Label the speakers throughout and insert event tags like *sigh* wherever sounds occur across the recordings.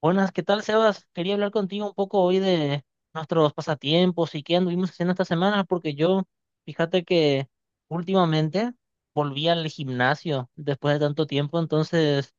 Speaker 1: Buenas, ¿qué tal, Sebas? Quería hablar contigo un poco hoy de nuestros pasatiempos y qué anduvimos haciendo esta semana, porque yo, fíjate que últimamente volví al gimnasio después de tanto tiempo, entonces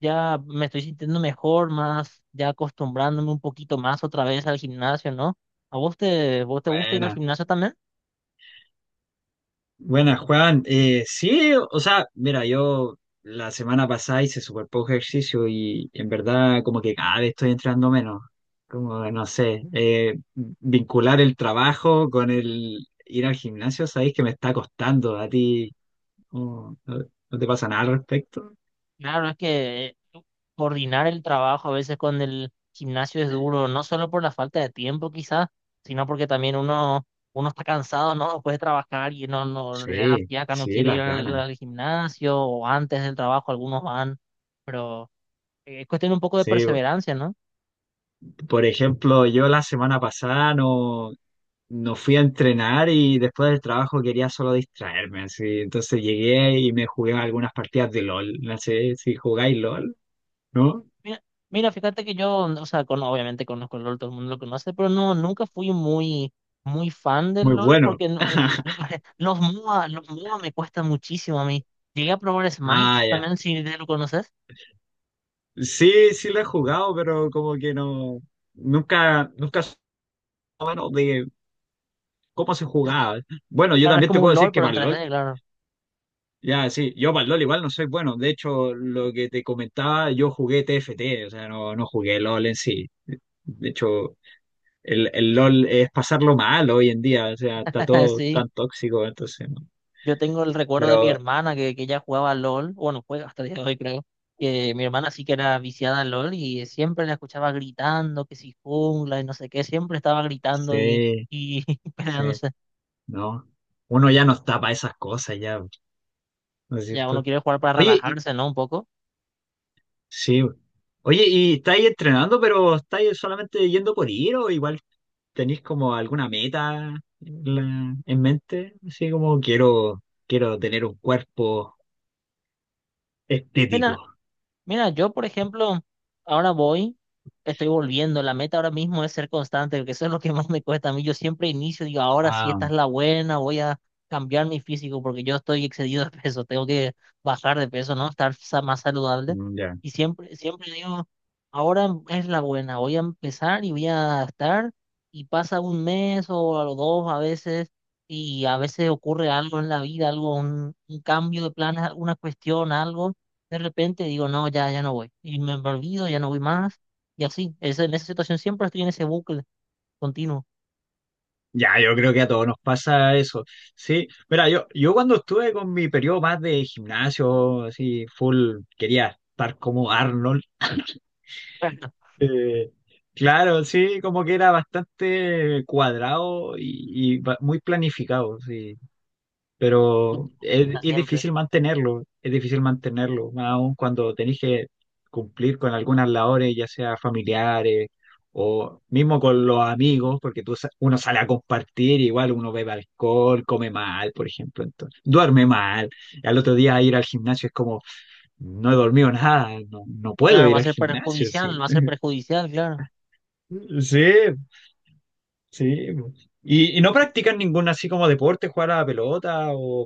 Speaker 1: ya me estoy sintiendo mejor, más ya acostumbrándome un poquito más otra vez al gimnasio, ¿no? ¿A vos te gusta ir al
Speaker 2: Buena,
Speaker 1: gimnasio también?
Speaker 2: buena, Juan. Sí, o sea, mira, yo la semana pasada hice súper poco ejercicio y en verdad como que cada vez estoy entrando menos. Como, no sé, vincular el trabajo con el ir al gimnasio, sabéis que me está costando a ti. ¿No, no te pasa nada al respecto?
Speaker 1: Claro, es que coordinar el trabajo a veces con el gimnasio es duro, no solo por la falta de tiempo quizás, sino porque también uno está cansado, ¿no? Puede trabajar y no le da
Speaker 2: Sí,
Speaker 1: fiaca, no
Speaker 2: sí,
Speaker 1: quiere ir
Speaker 2: las
Speaker 1: al,
Speaker 2: ganas.
Speaker 1: al gimnasio o antes del trabajo algunos van, pero es cuestión un poco de
Speaker 2: Sí,
Speaker 1: perseverancia, ¿no?
Speaker 2: por ejemplo, yo la semana pasada no. No fui a entrenar y después del trabajo quería solo distraerme, así. Entonces llegué y me jugué algunas partidas de LOL. No sé si jugáis LOL, ¿no?
Speaker 1: Mira, mira, fíjate que yo, o sea, con, obviamente conozco el LOL, todo el mundo lo conoce, pero no, nunca fui muy, muy fan del
Speaker 2: Muy
Speaker 1: LOL
Speaker 2: bueno.
Speaker 1: porque no,
Speaker 2: *laughs*
Speaker 1: *laughs* los MOA, los MOA me cuestan muchísimo a mí. Llegué a probar Smite
Speaker 2: Ah, ya.
Speaker 1: también, si lo conoces.
Speaker 2: Sí, sí lo he jugado, pero como que no, nunca supe bueno de cómo se
Speaker 1: Es-
Speaker 2: jugaba. Bueno, yo
Speaker 1: Claro, es
Speaker 2: también te
Speaker 1: como
Speaker 2: puedo
Speaker 1: un
Speaker 2: decir
Speaker 1: LOL,
Speaker 2: que
Speaker 1: pero en
Speaker 2: para el LOL,
Speaker 1: 3D, claro.
Speaker 2: ya sí, yo para el LOL igual no soy bueno. De hecho, lo que te comentaba, yo jugué TFT, o sea, no, no jugué LOL en sí. De hecho, el LOL es pasarlo mal hoy en día, o sea, está
Speaker 1: *laughs*
Speaker 2: todo
Speaker 1: Sí,
Speaker 2: tan tóxico, entonces, no.
Speaker 1: yo tengo el recuerdo de mi
Speaker 2: Pero
Speaker 1: hermana que ella jugaba al LOL, bueno, juega hasta el día de hoy, creo. Que mi hermana sí que era viciada al LOL y siempre la escuchaba gritando, que si jungla y no sé qué, siempre estaba gritando
Speaker 2: sí,
Speaker 1: y *laughs*
Speaker 2: sí,
Speaker 1: peleándose.
Speaker 2: no. Uno ya no está para esas cosas, ya, ¿no es
Speaker 1: Ya uno
Speaker 2: cierto?
Speaker 1: quiere jugar para
Speaker 2: Oye,
Speaker 1: relajarse, ¿no? Un poco.
Speaker 2: sí, oye, ¿y estáis entrenando, pero estáis solamente yendo por ir o igual tenéis como alguna meta en, en mente? Así como quiero, quiero tener un cuerpo estético.
Speaker 1: Mira, Mira, yo por ejemplo, ahora voy, estoy volviendo, la meta ahora mismo es ser constante, porque eso es lo que más me cuesta a mí. Yo siempre inicio, digo, ahora sí,
Speaker 2: Ah,
Speaker 1: esta es la buena, voy a cambiar mi físico porque yo estoy excedido de peso, *laughs* tengo que bajar de peso, ¿no? Estar más saludable.
Speaker 2: ya.
Speaker 1: Y siempre, siempre digo, ahora es la buena, voy a empezar y voy a estar, y pasa un mes o a los dos a veces, y a veces ocurre algo en la vida, algo, un cambio de planes, alguna cuestión, algo de repente digo, no, ya, ya no voy. Y me olvido, ya no voy más. Y así, es, en esa situación siempre estoy en ese bucle continuo.
Speaker 2: Ya, yo creo que a todos nos pasa eso. Sí, mira, yo cuando estuve con mi periodo más de gimnasio, así, full, quería estar como Arnold.
Speaker 1: *laughs*
Speaker 2: eh, claro, sí, como que era bastante cuadrado y, muy planificado. Sí, pero
Speaker 1: Rutina siempre.
Speaker 2: es difícil mantenerlo, más aún cuando tenés que cumplir con algunas labores, ya sea familiares o mismo con los amigos, porque tú, uno sale a compartir, igual uno bebe alcohol, come mal, por ejemplo, entonces, duerme mal, y al otro día ir al gimnasio es como, no he dormido nada, no, no puedo
Speaker 1: Claro, va
Speaker 2: ir
Speaker 1: a
Speaker 2: al
Speaker 1: ser
Speaker 2: gimnasio, sí.
Speaker 1: perjudicial, va a ser perjudicial, claro.
Speaker 2: Sí, sí. Y no
Speaker 1: Sí,
Speaker 2: practican ningún así como deporte, jugar a la pelota o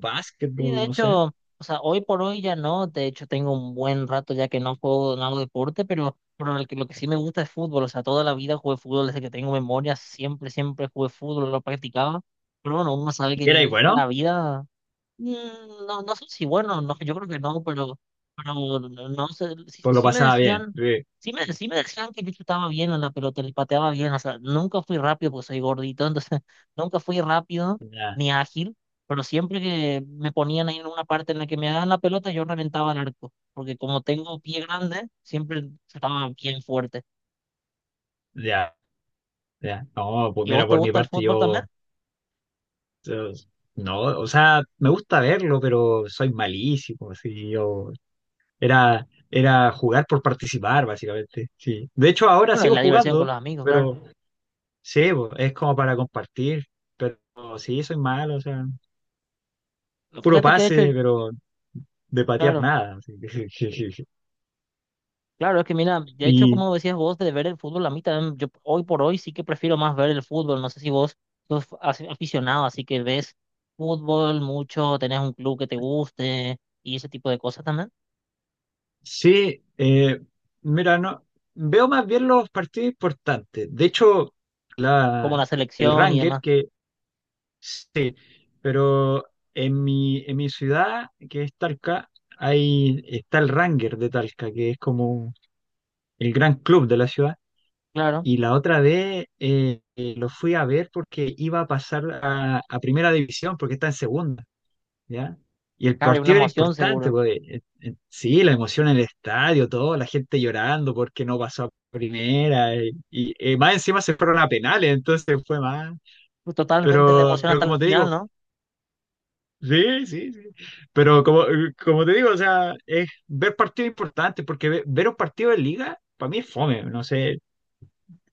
Speaker 1: sí, de
Speaker 2: básquetbol, no sé?
Speaker 1: hecho, o sea, hoy por hoy ya no. De hecho, tengo un buen rato ya que no juego, no hago deporte, pero lo que sí me gusta es fútbol. O sea, toda la vida jugué fútbol desde que tengo memoria. Siempre, siempre jugué fútbol, lo practicaba. Pero bueno, uno sabe que
Speaker 2: ¿Y era
Speaker 1: en
Speaker 2: bueno?
Speaker 1: la vida... Mm, no, no sé si bueno, no, yo creo que no, pero no no sé, sí,
Speaker 2: Pues lo
Speaker 1: sí me
Speaker 2: pasaba bien.
Speaker 1: decían,
Speaker 2: Sí.
Speaker 1: sí sí me decían que yo chutaba bien a la pelota, le pateaba bien, o sea, nunca fui rápido porque soy gordito, entonces *laughs* nunca fui rápido
Speaker 2: Ya,
Speaker 1: ni ágil, pero siempre que me ponían ahí en una parte en la que me daban la pelota, yo reventaba el arco, porque como tengo pie grande, siempre estaba bien fuerte.
Speaker 2: ya, ya. No, pues
Speaker 1: ¿Y
Speaker 2: mira,
Speaker 1: vos te
Speaker 2: por mi
Speaker 1: gusta el
Speaker 2: parte
Speaker 1: fútbol también?
Speaker 2: yo, yo- no, o sea, me gusta verlo, pero soy malísimo, sí, yo era, era jugar por participar, básicamente, sí. De hecho, ahora
Speaker 1: Bueno, y
Speaker 2: sigo
Speaker 1: la diversión
Speaker 2: jugando,
Speaker 1: con los amigos, claro.
Speaker 2: pero sí, pues, es como para compartir, pero sí, soy malo, o sea, puro
Speaker 1: Fíjate que de
Speaker 2: pase,
Speaker 1: hecho,
Speaker 2: pero de patear
Speaker 1: claro.
Speaker 2: nada. Sí. *laughs*
Speaker 1: Claro, es que mira, de hecho,
Speaker 2: Y,
Speaker 1: como decías vos, de ver el fútbol, a mí también, yo hoy por hoy sí que prefiero más ver el fútbol. No sé si vos sos aficionado, así que ves fútbol mucho, tenés un club que te guste y ese tipo de cosas también,
Speaker 2: sí, mira, no, veo más bien los partidos importantes. De hecho,
Speaker 1: como
Speaker 2: la,
Speaker 1: la
Speaker 2: el
Speaker 1: selección y
Speaker 2: Ranger,
Speaker 1: demás.
Speaker 2: que sí, pero en mi ciudad, que es Talca, hay, está el Ranger de Talca, que es como el gran club de la ciudad.
Speaker 1: Claro,
Speaker 2: Y la otra vez lo fui a ver porque iba a pasar a primera división, porque está en segunda. ¿Ya? Y el
Speaker 1: claro, hay una
Speaker 2: partido era
Speaker 1: emoción
Speaker 2: importante,
Speaker 1: seguro.
Speaker 2: pues sí, la emoción en el estadio, todo, la gente llorando porque no pasó a primera, y, más encima se fueron a penales, entonces fue más.
Speaker 1: Pues totalmente la emoción
Speaker 2: Pero
Speaker 1: hasta el
Speaker 2: como te
Speaker 1: final,
Speaker 2: digo,
Speaker 1: ¿no?
Speaker 2: sí, sí, sí. Pero como, como te digo, o sea, es ver partidos importantes, porque ver un partido de liga, para mí es fome, no sé,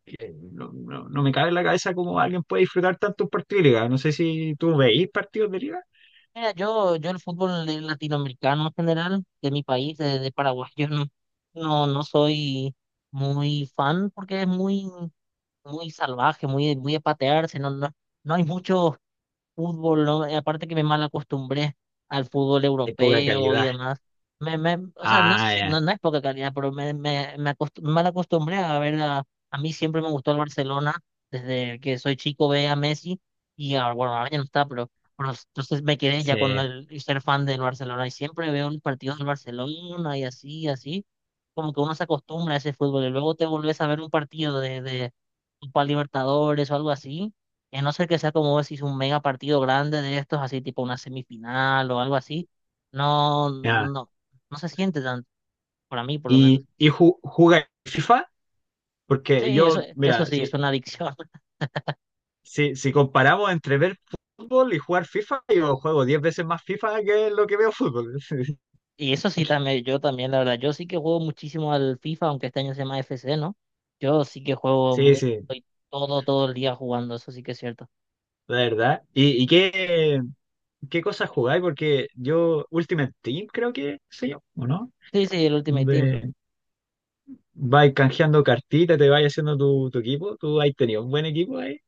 Speaker 2: que no, no, no me cabe en la cabeza cómo alguien puede disfrutar tanto un partido de liga. No sé si tú veis partidos de liga.
Speaker 1: Mira, yo el fútbol latinoamericano en general, de mi país, de Paraguay, *laughs* yo no, no, no soy muy fan porque es muy muy salvaje, muy, muy de patearse, no, no, no hay mucho fútbol, ¿no? Y aparte que me mal acostumbré al fútbol
Speaker 2: Hay poca
Speaker 1: europeo y
Speaker 2: calidad.
Speaker 1: demás. O sea, no sé
Speaker 2: Ah,
Speaker 1: si,
Speaker 2: ya,
Speaker 1: no, no es poca calidad, pero me mal acostumbré a ver a mí siempre me gustó el Barcelona, desde que soy chico ve a Messi y ahora, bueno, ahora ya no está, pero entonces me quedé ya con
Speaker 2: sí.
Speaker 1: el y ser fan del Barcelona y siempre veo los partidos del Barcelona y así, así como que uno se acostumbra a ese fútbol y luego te volvés a ver un partido de Copa Libertadores o algo así, y a no ser que sea como vos decís, un mega partido grande de estos, así tipo una semifinal o algo así, no, no, no se siente tanto, para mí por lo menos.
Speaker 2: Y, jugar FIFA, porque
Speaker 1: Sí, eso,
Speaker 2: yo,
Speaker 1: eso
Speaker 2: mira,
Speaker 1: sí, es
Speaker 2: si,
Speaker 1: una adicción. *laughs*
Speaker 2: si, si comparamos entre ver fútbol y jugar FIFA, yo juego 10 veces más FIFA que lo que veo fútbol. *laughs*
Speaker 1: Y eso sí también, yo también, la verdad, yo sí que juego muchísimo al FIFA, aunque este año se llama FC, ¿no? Yo sí que juego
Speaker 2: Sí,
Speaker 1: mucho
Speaker 2: sí,
Speaker 1: y todo, todo el día jugando, eso sí que es cierto.
Speaker 2: la verdad. Y qué, qué cosas jugáis? Porque yo, Ultimate Team, creo que sé yo ¿o no?
Speaker 1: Sí, sí, el Ultimate Team, ¿no?
Speaker 2: Donde vais canjeando cartitas, te vais haciendo tu, tu equipo. ¿Tú has tenido un buen equipo ahí?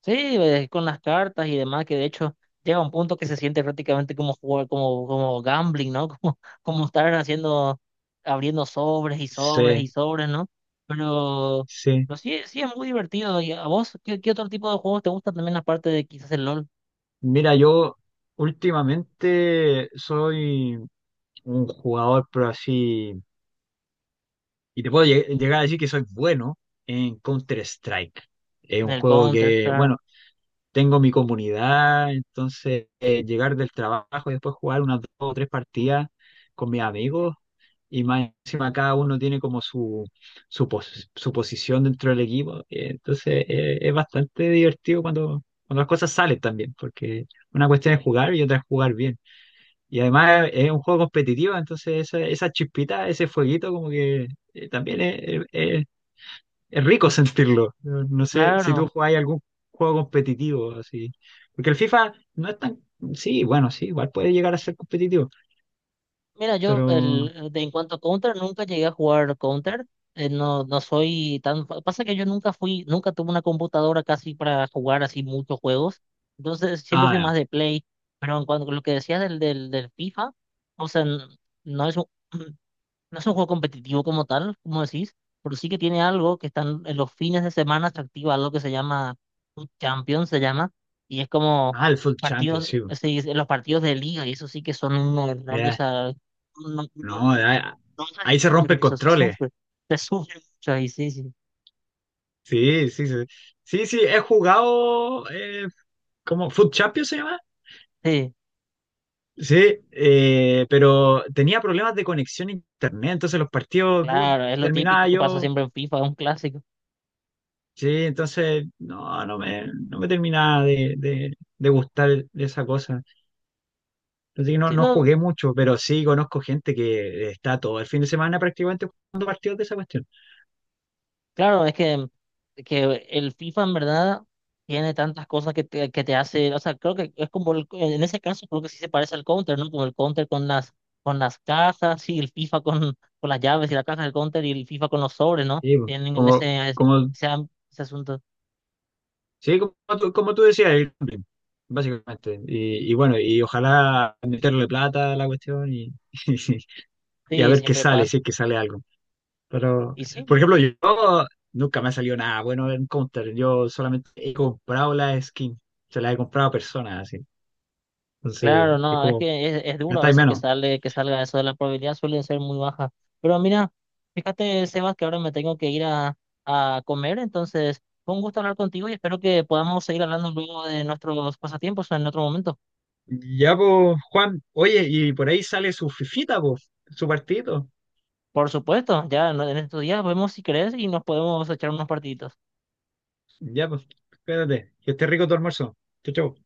Speaker 1: Sí, con las cartas y demás, que de hecho llega un punto que se siente prácticamente como jugar, como, como gambling, ¿no? *laughs* Como, como estar haciendo, abriendo sobres y sobres y
Speaker 2: Sí,
Speaker 1: sobres, ¿no? Pero,
Speaker 2: sí.
Speaker 1: pero sí, sí es muy divertido. ¿Y a vos qué, qué otro tipo de juegos te gustan también aparte de quizás el LOL,
Speaker 2: Mira, yo últimamente soy un jugador, pero así. Y te puedo llegar a decir que soy bueno en Counter-Strike. Es un
Speaker 1: el
Speaker 2: juego
Speaker 1: Counter,
Speaker 2: que,
Speaker 1: claro.
Speaker 2: bueno, tengo mi comunidad, entonces llegar del trabajo y después jugar unas 2 o 3 partidas con mis amigos y más encima cada uno tiene como su, su posición dentro del equipo. Entonces es bastante divertido cuando, cuando las cosas salen también, porque una cuestión es jugar y otra es jugar bien. Y además es un juego competitivo, entonces esa chispita, ese fueguito como que también es rico sentirlo. No sé si tú
Speaker 1: Claro.
Speaker 2: jugás algún juego competitivo así. Porque el FIFA no es tan. Sí, bueno, sí, igual puede llegar a ser competitivo.
Speaker 1: Mira, yo
Speaker 2: Pero.
Speaker 1: el, de, en cuanto a Counter, nunca llegué a jugar Counter. No, no soy tan... Pasa que yo nunca fui, nunca tuve una computadora casi para jugar así muchos juegos. Entonces siempre fui
Speaker 2: Ah, ya.
Speaker 1: más de Play. Pero en cuanto a lo que decías del, del, del FIFA, o sea, no es un... *clears throat* No es un juego competitivo como tal, como decís, pero sí que tiene algo que están en los fines de semana se activa algo que se llama un Champion, se llama, y es como
Speaker 2: Ah, el Foot Champions,
Speaker 1: partidos,
Speaker 2: sí.
Speaker 1: se dice, los partidos de liga, y eso sí que son un horror, o
Speaker 2: Ya.
Speaker 1: sea, no, no, no,
Speaker 2: No,
Speaker 1: no se
Speaker 2: ahí se
Speaker 1: disfruta
Speaker 2: rompen
Speaker 1: con eso,
Speaker 2: controles.
Speaker 1: se sufre mucho, y sí, sí,
Speaker 2: Sí, sí, sí. Sí, sí, he jugado. ¿Cómo? ¿Foot Champions se llama?
Speaker 1: sí,
Speaker 2: Sí, pero tenía problemas de conexión a internet. Entonces los partidos. Put,
Speaker 1: claro, es lo típico
Speaker 2: terminaba
Speaker 1: que pasa
Speaker 2: yo.
Speaker 1: siempre en FIFA, es un clásico.
Speaker 2: Sí, entonces, no, no me, no me terminaba de gustar esa cosa. Así que no,
Speaker 1: Sí,
Speaker 2: no
Speaker 1: no,
Speaker 2: jugué mucho, pero sí conozco gente que está todo el fin de semana prácticamente jugando partidos de esa cuestión.
Speaker 1: claro, es que el FIFA en verdad tiene tantas cosas que te hace, o sea, creo que es como, en ese caso creo que sí se parece al Counter, ¿no? Como el Counter con las cajas y el FIFA con las llaves y la caja del Counter y el FIFA con los sobres, ¿no?
Speaker 2: Sí, pues,
Speaker 1: Tienen en
Speaker 2: como,
Speaker 1: ese,
Speaker 2: como,
Speaker 1: ese, ese asunto.
Speaker 2: sí, como tú decías, el gambling, básicamente. Y bueno, y ojalá meterle plata a la cuestión y, *laughs* y, a
Speaker 1: Sí,
Speaker 2: ver qué
Speaker 1: siempre
Speaker 2: sale, si
Speaker 1: pasa.
Speaker 2: es que sale algo. Pero,
Speaker 1: Y sí,
Speaker 2: por ejemplo, yo nunca me ha salido nada bueno en Counter. Yo solamente he comprado la skin. Se la he comprado a personas así. Entonces,
Speaker 1: claro,
Speaker 2: es
Speaker 1: no, es
Speaker 2: como,
Speaker 1: que es duro a
Speaker 2: gastáis
Speaker 1: veces que
Speaker 2: menos.
Speaker 1: sale, que salga eso de la probabilidad, suele ser muy baja. Pero mira, fíjate, Sebas, que ahora me tengo que ir a comer, entonces fue un gusto hablar contigo y espero que podamos seguir hablando luego de nuestros pasatiempos en otro momento.
Speaker 2: Ya, pues, Juan, oye, y por ahí sale su fifita, pues, su partidito.
Speaker 1: Por supuesto, ya en estos días vemos si crees y nos podemos echar unos partiditos.
Speaker 2: Ya, pues, espérate, que esté rico tu almuerzo. Chau, chau.